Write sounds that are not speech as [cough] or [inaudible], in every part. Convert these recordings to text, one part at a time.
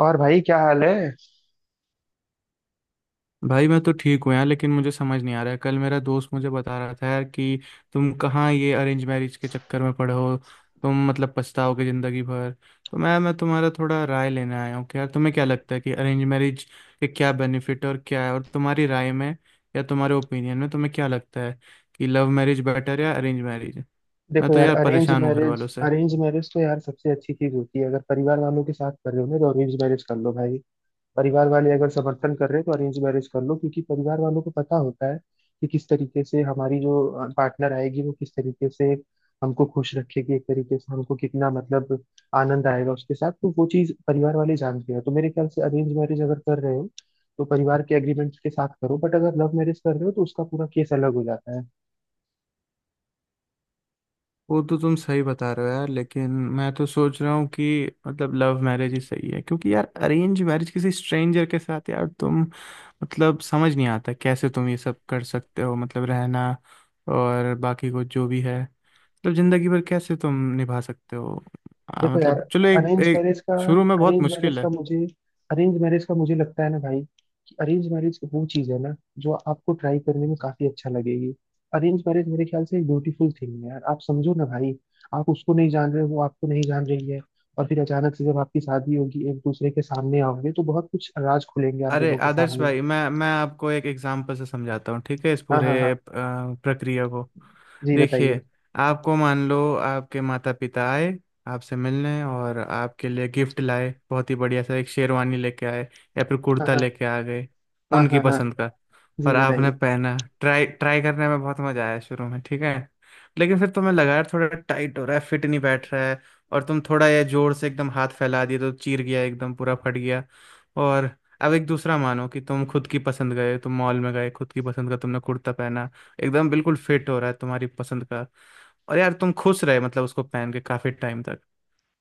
और भाई क्या हाल है। भाई मैं तो ठीक हूँ यार। लेकिन मुझे समझ नहीं आ रहा है। कल मेरा दोस्त मुझे बता रहा था यार कि तुम कहाँ ये अरेंज मैरिज के चक्कर में पड़े हो, तुम मतलब पछताओगे ज़िंदगी भर। तो मैं तुम्हारा थोड़ा राय लेने आया हूँ कि यार तुम्हें क्या लगता है कि अरेंज मैरिज के क्या बेनिफिट और क्या है, और तुम्हारी राय में या तुम्हारे ओपिनियन में तुम्हें क्या लगता है कि लव मैरिज बेटर या अरेंज मैरिज? मैं देखो तो यार, यार परेशान हूँ घर वालों से। अरेंज मैरिज तो यार सबसे अच्छी चीज होती है, अगर परिवार वालों के साथ कर रहे हो ना तो अरेंज मैरिज कर लो भाई। परिवार वाले अगर समर्थन कर रहे हैं तो अरेंज मैरिज कर लो, क्योंकि परिवार वालों को पता होता है कि किस तरीके से हमारी जो पार्टनर आएगी, वो किस तरीके से हमको खुश रखेगी, एक तरीके से हमको कितना मतलब आनंद आएगा उसके साथ। तो वो चीज परिवार वाले जानते हैं, तो मेरे ख्याल से अरेंज मैरिज अगर कर रहे हो तो परिवार के एग्रीमेंट के साथ करो। बट अगर लव मैरिज कर रहे हो तो उसका पूरा केस अलग हो जाता है। वो तो तुम सही बता रहे हो यार, लेकिन मैं तो सोच रहा हूँ कि मतलब लव मैरिज ही सही है, क्योंकि यार अरेंज मैरिज किसी स्ट्रेंजर के साथ यार, तुम मतलब समझ नहीं आता कैसे तुम ये सब कर सकते हो, मतलब रहना और बाकी को जो भी है, मतलब जिंदगी भर कैसे तुम निभा सकते हो? देखो यार, मतलब चलो, एक अरेंज एक मैरिज का शुरू में बहुत अरेंज मैरिज मुश्किल का है। मुझे अरेंज मैरिज का मुझे लगता है ना भाई, कि अरेंज मैरिज वो चीज है ना जो आपको ट्राई करने में काफी अच्छा लगेगी। अरेंज मैरिज मेरे ख्याल से एक ब्यूटीफुल थिंग है यार, आप समझो ना भाई। आप उसको नहीं जान रहे हो, वो आपको नहीं जान रही है, और फिर अचानक से जब आपकी शादी होगी, एक दूसरे के सामने आओगे तो बहुत कुछ राज खुलेंगे आप अरे दोनों के आदर्श सामने। भाई, मैं आपको एक एग्जांपल से समझाता हूँ, ठीक है? इस हाँ हाँ पूरे हाँ। प्रक्रिया को। जी बताइए। देखिए, आपको मान लो आपके माता पिता आए आपसे मिलने, और आपके लिए गिफ्ट लाए, बहुत ही बढ़िया सा एक शेरवानी लेके आए या फिर हाँ कुर्ता हाँ लेके आ गए हाँ। उनकी हाँ हाँ। पसंद का। जी और आपने बताइए। पहना, ट्राई ट्राई करने में बहुत मजा आया शुरू में, ठीक है। लेकिन फिर तुम्हें लगा यार थोड़ा टाइट हो रहा है, फिट नहीं बैठ रहा है। और तुम थोड़ा ये जोर से एकदम हाथ फैला दिए तो चीर गया, एकदम पूरा फट गया। और अब एक दूसरा मानो कि तुम खुद की पसंद गए, तुम मॉल में गए, खुद की पसंद का तुमने कुर्ता पहना, एकदम बिल्कुल फिट हो रहा है तुम्हारी पसंद का, और यार तुम खुश रहे मतलब उसको पहन के काफी टाइम तक।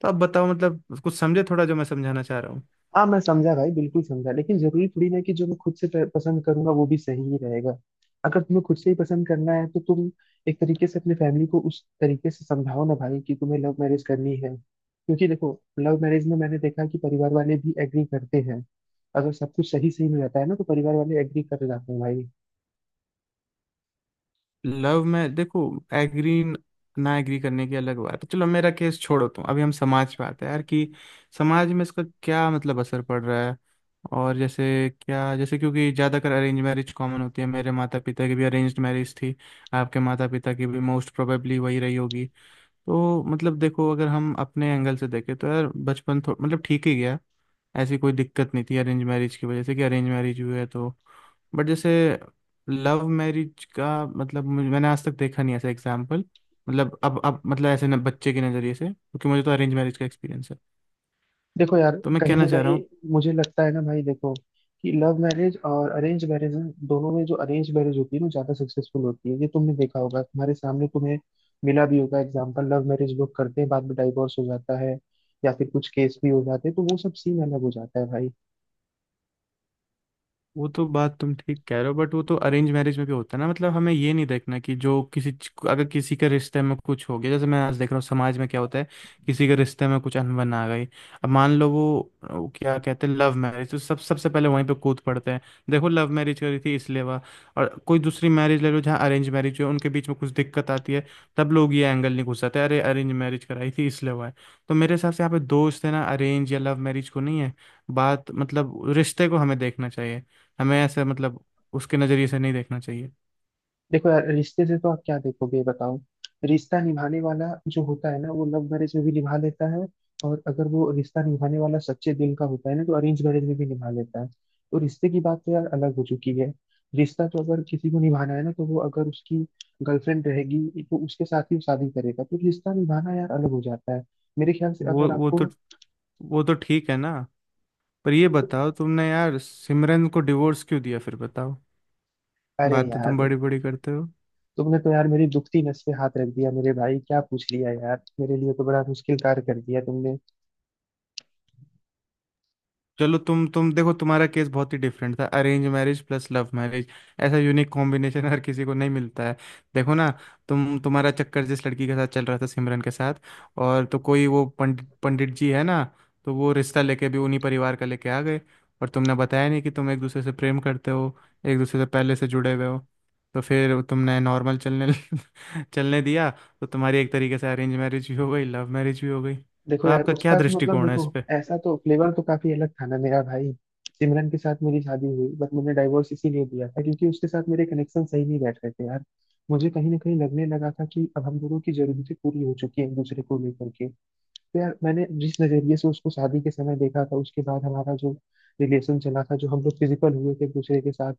तो अब बताओ, मतलब कुछ समझे थोड़ा जो मैं समझाना चाह रहा हूँ? हाँ, मैं समझा भाई, बिल्कुल समझा। लेकिन जरूरी थोड़ी ना है कि जो मैं खुद से पसंद करूंगा वो भी सही ही रहेगा। अगर तुम्हें खुद से ही पसंद करना है तो तुम एक तरीके से अपने फैमिली को उस तरीके से समझाओ ना भाई, कि तुम्हें लव मैरिज करनी है। क्योंकि देखो, लव मैरिज में मैंने देखा कि परिवार वाले भी एग्री करते हैं, अगर सब कुछ सही सही में रहता है ना तो परिवार वाले एग्री कर जाते हैं भाई। लव में देखो, एग्री ना एग्री करने की अलग बात है। चलो मेरा केस छोड़ो तुम अभी, हम समाज पे आते हैं यार कि समाज में इसका क्या मतलब असर पड़ रहा है? और जैसे क्या जैसे क्योंकि ज़्यादातर अरेंज मैरिज कॉमन होती है, मेरे माता पिता की भी अरेंज्ड मैरिज थी, आपके माता पिता की भी मोस्ट प्रोबेबली वही रही होगी। तो मतलब देखो, अगर हम अपने एंगल से देखें तो यार बचपन थो- मतलब ठीक ही गया, ऐसी कोई दिक्कत नहीं थी अरेंज मैरिज की वजह से कि अरेंज मैरिज हुई है तो। बट जैसे लव मैरिज का मतलब मुझे- मैंने आज तक देखा नहीं ऐसा एग्जाम्पल। मतलब अब मतलब ऐसे न, बच्चे के नज़रिए से, क्योंकि मुझे तो अरेंज मैरिज का एक्सपीरियंस है, देखो यार, तो मैं कहीं ना कहना चाह रहा कहीं हूँ। मुझे लगता है ना भाई, देखो, कि लव मैरिज और अरेंज मैरिज में, दोनों में, जो अरेंज मैरिज होती है ना ज्यादा सक्सेसफुल होती है। ये तुमने देखा होगा, तुम्हारे सामने तुम्हें मिला भी होगा एग्जाम्पल। लव मैरिज लोग करते हैं, बाद में डाइवोर्स हो जाता है, या फिर कुछ केस भी हो जाते हैं, तो वो सब सीन अलग हो जाता है भाई। वो तो बात तुम ठीक कह रहे हो बट वो तो अरेंज मैरिज में भी होता है ना, मतलब हमें ये नहीं देखना कि जो किसी अगर किसी के रिश्ते में कुछ हो गया। जैसे मैं आज देख रहा हूँ समाज में क्या होता है, किसी के रिश्ते में कुछ अनबन आ गई, अब मान लो वो क्या कहते हैं लव मैरिज तो सब सबसे पहले वहीं पे कूद पड़ते हैं, देखो लव मैरिज करी थी इसलिए, वाह। और कोई दूसरी मैरिज ले लो जहाँ अरेंज मैरिज हो, उनके बीच में कुछ दिक्कत आती है, तब लोग ये एंगल नहीं घुसाते अरे अरेंज मैरिज कराई थी इसलिए हुआ है। तो मेरे हिसाब से यहाँ पे दोस्त है ना, अरेंज या लव मैरिज को नहीं है बात, मतलब रिश्ते को हमें देखना चाहिए। हमें ऐसे मतलब उसके नज़रिए से नहीं देखना चाहिए। देखो यार, रिश्ते से तो आप क्या देखोगे ये बताओ। रिश्ता निभाने वाला जो होता है ना वो लव मैरिज में भी निभा लेता है, और अगर वो रिश्ता निभाने वाला सच्चे दिल का होता है ना तो अरेंज मैरिज में भी निभा लेता है। तो रिश्ते की बात तो यार अलग हो चुकी है। रिश्ता तो अगर किसी को निभाना है ना, तो वो अगर उसकी गर्लफ्रेंड रहेगी तो उसके साथ ही वो शादी करेगा, तो रिश्ता निभाना यार अलग हो जाता है। मेरे ख्याल से वो अगर वो आपको। तो वो तो ठीक है ना। पर ये बताओ तुमने यार सिमरन को डिवोर्स क्यों दिया फिर, बताओ। अरे बातें यार, तुम बड़ी बड़ी करते हो। तुमने तो यार मेरी दुखती नस पे हाथ रख दिया मेरे भाई। क्या पूछ लिया यार, मेरे लिए तो बड़ा मुश्किल कार्य कर दिया तुमने। चलो तुम देखो, तुम्हारा केस बहुत ही डिफरेंट था, arrange marriage plus love marriage. ऐसा यूनिक कॉम्बिनेशन हर किसी को नहीं मिलता है। देखो ना, तुम, तुम्हारा चक्कर जिस लड़की के साथ चल रहा था सिमरन के साथ, और तो कोई वो पंडित पंडित जी है ना, तो वो रिश्ता लेके भी उन्हीं परिवार का लेके आ गए, और तुमने बताया नहीं कि तुम एक दूसरे से प्रेम करते हो, एक दूसरे से पहले से जुड़े हुए हो। तो फिर तुमने नॉर्मल चलने [laughs] चलने दिया। तो तुम्हारी एक तरीके से अरेंज मैरिज भी हो गई, लव मैरिज भी हो गई। देखो तो यार, आपका क्या उसका तो मतलब, दृष्टिकोण है देखो, इस पे? ऐसा तो फ्लेवर तो काफी अलग था ना मेरा भाई। सिमरन के साथ मेरी शादी हुई बट मैंने डाइवोर्स इसीलिए दिया था क्योंकि उसके साथ मेरे कनेक्शन सही नहीं बैठ रहे थे यार। मुझे कहीं ना कहीं लगने लगा था कि अब हम दोनों की जरूरतें पूरी हो चुकी हैं एक दूसरे को लेकर के। तो यार, मैंने जिस नजरिए से उसको शादी के समय देखा था, उसके बाद हमारा जो रिलेशन चला था, जो हम लोग फिजिकल हुए थे एक दूसरे के साथ,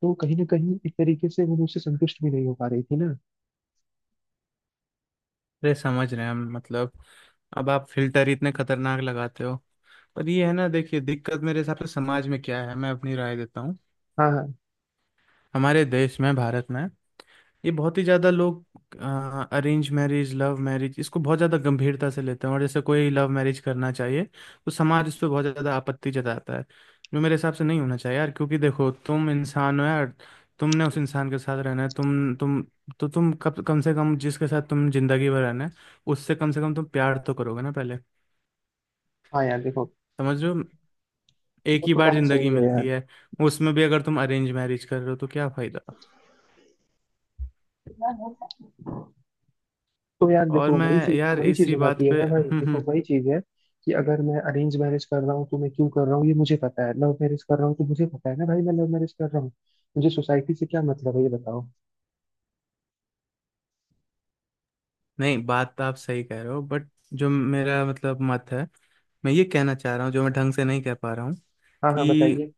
तो कहीं ना कहीं एक तरीके से वो मुझसे संतुष्ट भी नहीं हो पा रही थी ना। अरे समझ रहे हैं हम, मतलब अब आप फिल्टर ही इतने खतरनाक लगाते हो। पर ये है ना देखिए दिक्कत, मेरे हिसाब से समाज में क्या है मैं अपनी राय देता हूँ। हाँ हाँ हमारे देश में, भारत में ये बहुत ही ज्यादा लोग अरेंज मैरिज लव मैरिज इसको बहुत ज्यादा गंभीरता से लेते हैं, और जैसे कोई लव मैरिज करना चाहिए तो समाज इस पे बहुत ज्यादा आपत्ति जताता है, जो मेरे हिसाब से नहीं होना चाहिए यार। क्योंकि देखो तुम इंसान हो यार, तुमने उस इंसान के साथ रहना है, तुम तो तुम कब कम से कम जिसके साथ तुम जिंदगी भर रहना है उससे कम से कम तुम प्यार तो करोगे ना पहले, हाँ। यार देखो, समझो। एक वो ही तो बार बात जिंदगी सही है। मिलती है, उसमें भी अगर तुम अरेंज मैरिज कर रहे हो तो क्या फायदा? यार तो यार और देखो, मैं, वही चीज यार वही चीज इसी हो बात जाती है पे ना भाई, देखो [laughs] वही चीज है, कि अगर मैं अरेंज मैरिज कर रहा हूँ तो मैं क्यों कर रहा हूँ ये मुझे पता है। लव मैरिज कर रहा हूँ तो मुझे पता है ना भाई मैं लव मैरिज कर रहा हूँ। मुझे सोसाइटी से क्या मतलब है ये बताओ। नहीं बात तो आप सही कह रहे हो, बट जो मेरा मतलब मत है, मैं ये कहना चाह रहा हूँ जो मैं ढंग से नहीं कह पा रहा हूँ हाँ हाँ कि बताइए।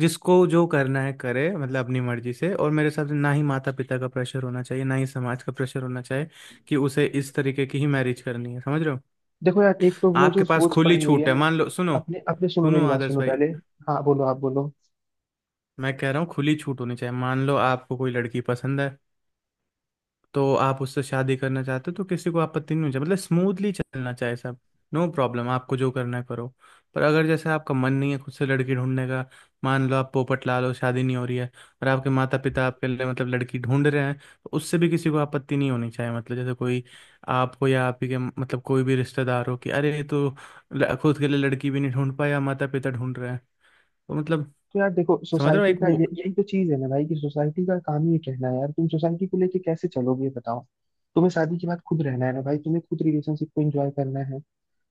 जिसको जो करना है करे मतलब अपनी मर्जी से, और मेरे हिसाब से ना ही माता पिता का प्रेशर होना चाहिए, ना ही समाज का प्रेशर होना चाहिए कि उसे इस तरीके की ही मैरिज करनी है, समझ रहे हो? देखो यार, एक तो वो जो आपके पास सोच खुली पड़ी हुई है छूट है। ना, मान लो सुनो, अपने अपने सुनो, सुनो मेरी बात आदर्श सुनो भाई, पहले। हाँ, बोलो आप, बोलो। मैं कह रहा हूँ खुली छूट होनी चाहिए। मान लो आपको कोई लड़की पसंद है तो आप उससे शादी करना चाहते हो, तो किसी को आपत्ति नहीं होनी चाहिए, मतलब स्मूथली चलना चाहिए सब, नो प्रॉब्लम, आपको जो करना है करो। पर अगर जैसे आपका मन नहीं है खुद से लड़की ढूंढने का, मान लो आप पोपट ला लो शादी नहीं हो रही है, और आपके माता पिता आपके लिए मतलब लड़की ढूंढ रहे हैं, तो उससे भी किसी को आपत्ति नहीं होनी चाहिए। मतलब जैसे कोई आपको या आप ही के मतलब कोई भी रिश्तेदार हो कि अरे ये तो खुद के लिए लड़की भी नहीं ढूंढ पाया, माता पिता ढूंढ रहे हैं, तो मतलब तो यार देखो, समझ रहे हो, सोसाइटी एक का वो। ये यही तो चीज है ना भाई, कि सोसाइटी का काम ही ये कहना है। यार तुम सोसाइटी को लेके कैसे चलोगे ये बताओ। तुम्हें शादी के बाद खुद रहना है ना भाई, तुम्हें खुद रिलेशनशिप को एंजॉय करना है।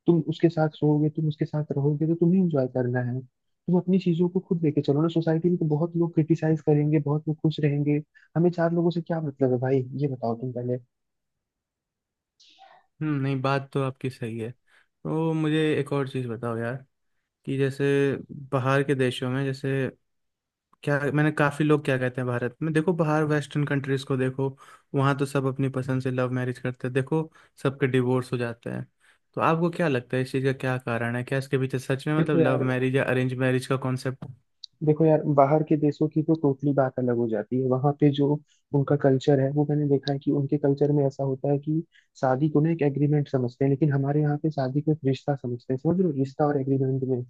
तुम उसके साथ सोओगे, तुम उसके साथ रहोगे, तो तुम्हें इंजॉय करना है। तुम अपनी चीजों को खुद लेके चलो ना। सोसाइटी में तो बहुत लोग क्रिटिसाइज करेंगे, बहुत लोग खुश रहेंगे। हमें चार लोगों से क्या मतलब है भाई, ये बताओ तुम पहले। हम्म, नहीं बात तो आपकी सही है। तो मुझे एक और चीज़ बताओ यार कि जैसे बाहर के देशों में, जैसे क्या मैंने काफी लोग क्या कहते हैं, भारत में देखो, बाहर वेस्टर्न कंट्रीज को देखो, वहां तो सब अपनी पसंद से लव मैरिज करते हैं, देखो सबके डिवोर्स हो जाते हैं। तो आपको क्या लगता है इस चीज का क्या कारण है, क्या इसके पीछे सच में देखो मतलब लव यार मैरिज या अरेंज मैरिज का कॉन्सेप्ट? देखो यार बाहर के देशों की तो टोटली बात अलग हो जाती है। वहां पे जो उनका कल्चर है, वो मैंने देखा है कि उनके कल्चर में ऐसा होता है कि शादी को ना एक एग्रीमेंट समझते हैं, लेकिन हमारे यहाँ पे शादी को एक रिश्ता समझते हैं। समझ रहे हो, रिश्ता और एग्रीमेंट में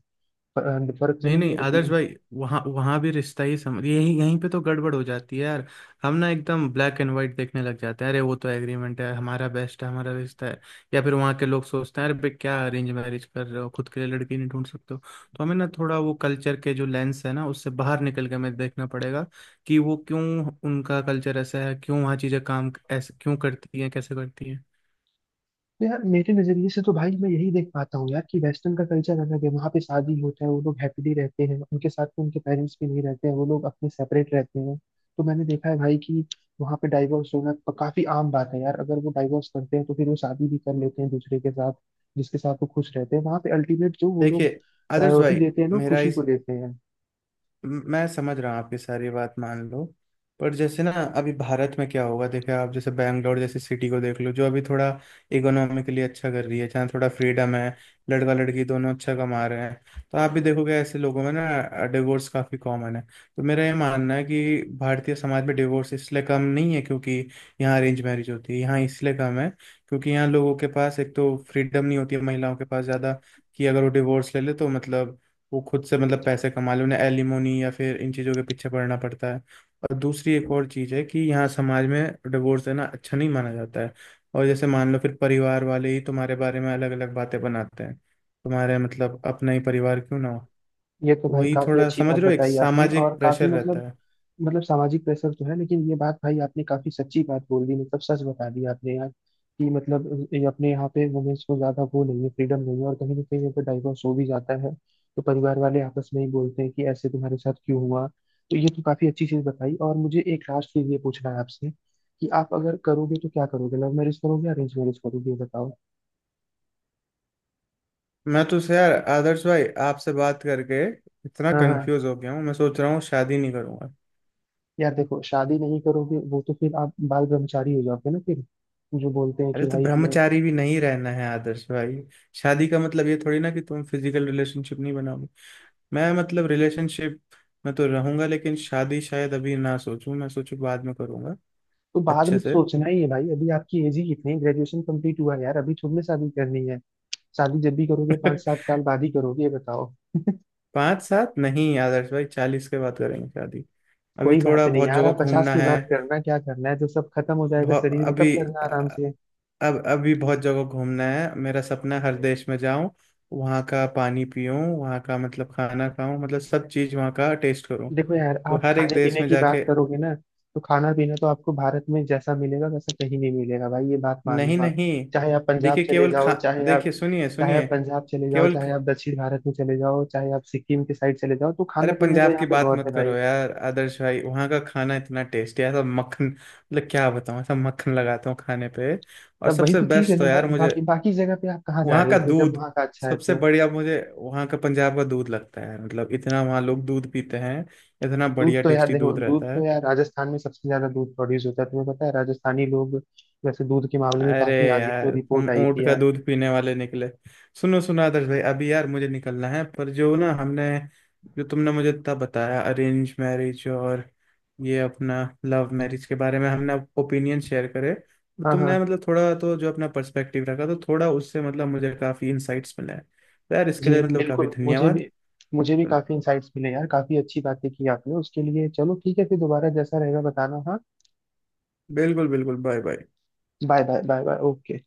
फर्क, नहीं समझ नहीं रहे हो कि। आदर्श भाई, वहाँ वहाँ भी रिश्ता ही समझ, यही यहीं पे तो गड़बड़ हो जाती है यार। हम ना एकदम ब्लैक एंड व्हाइट देखने लग जाते हैं, अरे वो तो एग्रीमेंट है, हमारा बेस्ट है, हमारा रिश्ता है। या फिर वहाँ के लोग सोचते हैं अरे भाई क्या अरेंज मैरिज कर रहे हो, खुद के लिए लड़की नहीं ढूंढ सकते हो? तो हमें ना थोड़ा वो कल्चर के जो लेंस है ना उससे बाहर निकल के हमें देखना पड़ेगा कि वो क्यों, उनका कल्चर ऐसा है क्यों, वहाँ चीज़ें काम ऐसे क्यों करती हैं, कैसे करती हैं? तो यार मेरे नजरिए से तो भाई मैं यही देख पाता हूँ यार, कि वेस्टर्न का कल्चर अलग है, वहाँ पे शादी होता है, वो लोग हैप्पीली रहते हैं, उनके साथ में उनके पेरेंट्स भी नहीं रहते हैं, वो लोग अपने सेपरेट रहते हैं। तो मैंने देखा है भाई कि वहाँ पे डाइवोर्स होना काफी आम बात है यार। अगर वो डाइवोर्स करते हैं तो फिर वो शादी भी कर लेते हैं दूसरे के साथ, जिसके साथ वो खुश रहते हैं। वहाँ पे अल्टीमेट जो वो लोग देखिए आदर्श प्रायोरिटी भाई, देते हैं ना, वो मेरा खुशी को इस देते हैं। मैं समझ रहा हूँ आपकी सारी बात, मान लो। पर जैसे ना अभी भारत में क्या होगा, देखे आप जैसे बैंगलोर जैसी सिटी को देख लो जो अभी थोड़ा इकोनॉमिकली अच्छा कर रही है, जहाँ थोड़ा फ्रीडम है, लड़का लड़की दोनों अच्छा कमा रहे हैं, तो आप भी देखोगे ऐसे लोगों में ना डिवोर्स काफी कॉमन है। तो मेरा ये मानना है कि भारतीय समाज में डिवोर्स इसलिए कम नहीं है क्योंकि यहाँ अरेंज मैरिज होती है, यहाँ इसलिए कम है क्योंकि यहाँ लोगों के पास एक तो फ्रीडम नहीं होती है, महिलाओं के पास ज़्यादा कि अगर वो डिवोर्स ले ले तो मतलब वो खुद से मतलब पैसे कमा ले, उन्हें एलिमोनी या फिर इन चीज़ों के पीछे पड़ना पड़ता है। और दूसरी एक और चीज़ है कि यहाँ समाज में डिवोर्स देना अच्छा नहीं माना जाता है, और जैसे मान लो फिर परिवार वाले ही तुम्हारे बारे में अलग अलग बातें बनाते हैं, तुम्हारे मतलब अपना ही परिवार क्यों ना हो, ये तो भाई वही काफी थोड़ा अच्छी समझ बात रहे हो, एक बताई आपने, सामाजिक और काफी प्रेशर रहता मतलब, है। मतलब सामाजिक प्रेशर तो है। लेकिन ये बात भाई आपने काफी सच्ची बात बोल दी, मतलब सच बता दी आपने यार, कि मतलब ये अपने यहाँ पे वुमेन्स को ज्यादा वो नहीं है, फ्रीडम नहीं है, और कहीं ना कहीं अगर डाइवोर्स हो भी जाता है तो परिवार वाले आपस में ही बोलते हैं कि ऐसे तुम्हारे साथ क्यों हुआ। तो ये तो काफी अच्छी चीज बताई, और मुझे एक लास्ट चीज ये पूछना है आपसे, कि आप अगर करोगे तो क्या करोगे, लव मैरिज करोगे या अरेंज मैरिज करोगे ये बताओ। मैं तो से यार आदर्श भाई आपसे बात करके इतना हाँ हाँ। कंफ्यूज हो गया हूँ, मैं सोच रहा हूँ शादी नहीं करूंगा। यार देखो, शादी नहीं करोगे वो तो फिर आप बाल ब्रह्मचारी हो जाओगे ना फिर। जो बोलते हैं अरे कि तो भाई हमें। ब्रह्मचारी भी नहीं रहना है आदर्श भाई, शादी का मतलब ये थोड़ी ना कि तुम फिजिकल रिलेशनशिप नहीं बनाओ। मैं मतलब रिलेशनशिप में तो रहूंगा, लेकिन शादी शायद अभी ना सोचूं, मैं सोचूं बाद में करूंगा तो बाद में अच्छे तो से। सोचना ही है भाई, अभी आपकी एज ही कितनी है, ग्रेजुएशन कंप्लीट हुआ है यार, अभी थोड़ी ना शादी करनी है। शादी जब भी करोगे पाँच [laughs] सात साल बाद ही करोगे, ये बताओ। पाँच सात नहीं आदर्श भाई, 40 के बाद करेंगे शादी, अभी कोई बात थोड़ा नहीं बहुत यार, जगह आप 50 घूमना की है, बात करना क्या करना है, जब सब खत्म हो जाएगा बहुत शरीर में तब अभी करना आराम अ- से। अब अभी बहुत जगह घूमना है, मेरा सपना है हर देश में जाऊं, वहाँ का पानी पीऊं, वहाँ का मतलब खाना खाऊं, मतलब सब चीज वहाँ का टेस्ट करूं, देखो यार, तो आप हर एक खाने देश पीने में की बात जाके। करोगे ना, तो खाना पीना तो आपको भारत में जैसा मिलेगा वैसा कहीं नहीं मिलेगा भाई। ये बात मान नहीं लो आप। नहीं चाहे आप पंजाब देखिए चले केवल खा जाओ चाहे आप देखिए, सुनिए चाहे आप सुनिए पंजाब चले जाओ, केवल चाहे आप दक्षिण भारत में चले जाओ, चाहे आप सिक्किम के साइड चले जाओ, तो अरे खाना पीना तो पंजाब यहाँ की पे बात बहुत मत है। करो यार आदर्श भाई, वहाँ का खाना इतना टेस्टी है, ऐसा मक्खन मतलब क्या बताऊँ, ऐसा मक्खन लगाता हूँ खाने पे। और तब वही सबसे तो चीज है बेस्ट तो ना यार भाई, मुझे बाकी बाकी जगह पे आप कहाँ जा वहाँ रहे हो का फिर, जब दूध, वहाँ का अच्छा है सबसे तो। बढ़िया मुझे वहाँ का पंजाब का दूध लगता है, मतलब इतना वहाँ लोग दूध पीते हैं, इतना दूध बढ़िया तो यार टेस्टी देखो, दूध दूध रहता तो है। यार राजस्थान में सबसे ज्यादा दूध प्रोड्यूस होता है, तुम्हें पता है राजस्थानी लोग वैसे दूध के मामले में अरे काफी आगे हैं, जो यार तुम रिपोर्ट आई थी ऊँट का यार। दूध पीने वाले निकले। सुनो सुनो आदर्श भाई, अभी यार मुझे निकलना है, पर जो ना हमने जो तुमने मुझे इतना बताया अरेंज मैरिज और ये अपना लव मैरिज के बारे में हमने ओपिनियन शेयर करे, तो हाँ हाँ। तुमने मतलब थोड़ा तो जो अपना पर्सपेक्टिव रखा, तो थोड़ा उससे मतलब मुझे काफ़ी इंसाइट्स मिले हैं। तो यार इसके जी लिए मतलब काफ़ी बिल्कुल। मुझे धन्यवाद। भी मुझे भी काफी इंसाइट्स मिले यार, काफी अच्छी बातें की आपने उसके लिए। चलो ठीक है, फिर दोबारा जैसा रहेगा बताना हाँ। बिल्कुल बिल्कुल, bye bye. Bye bye bye bye. Okay.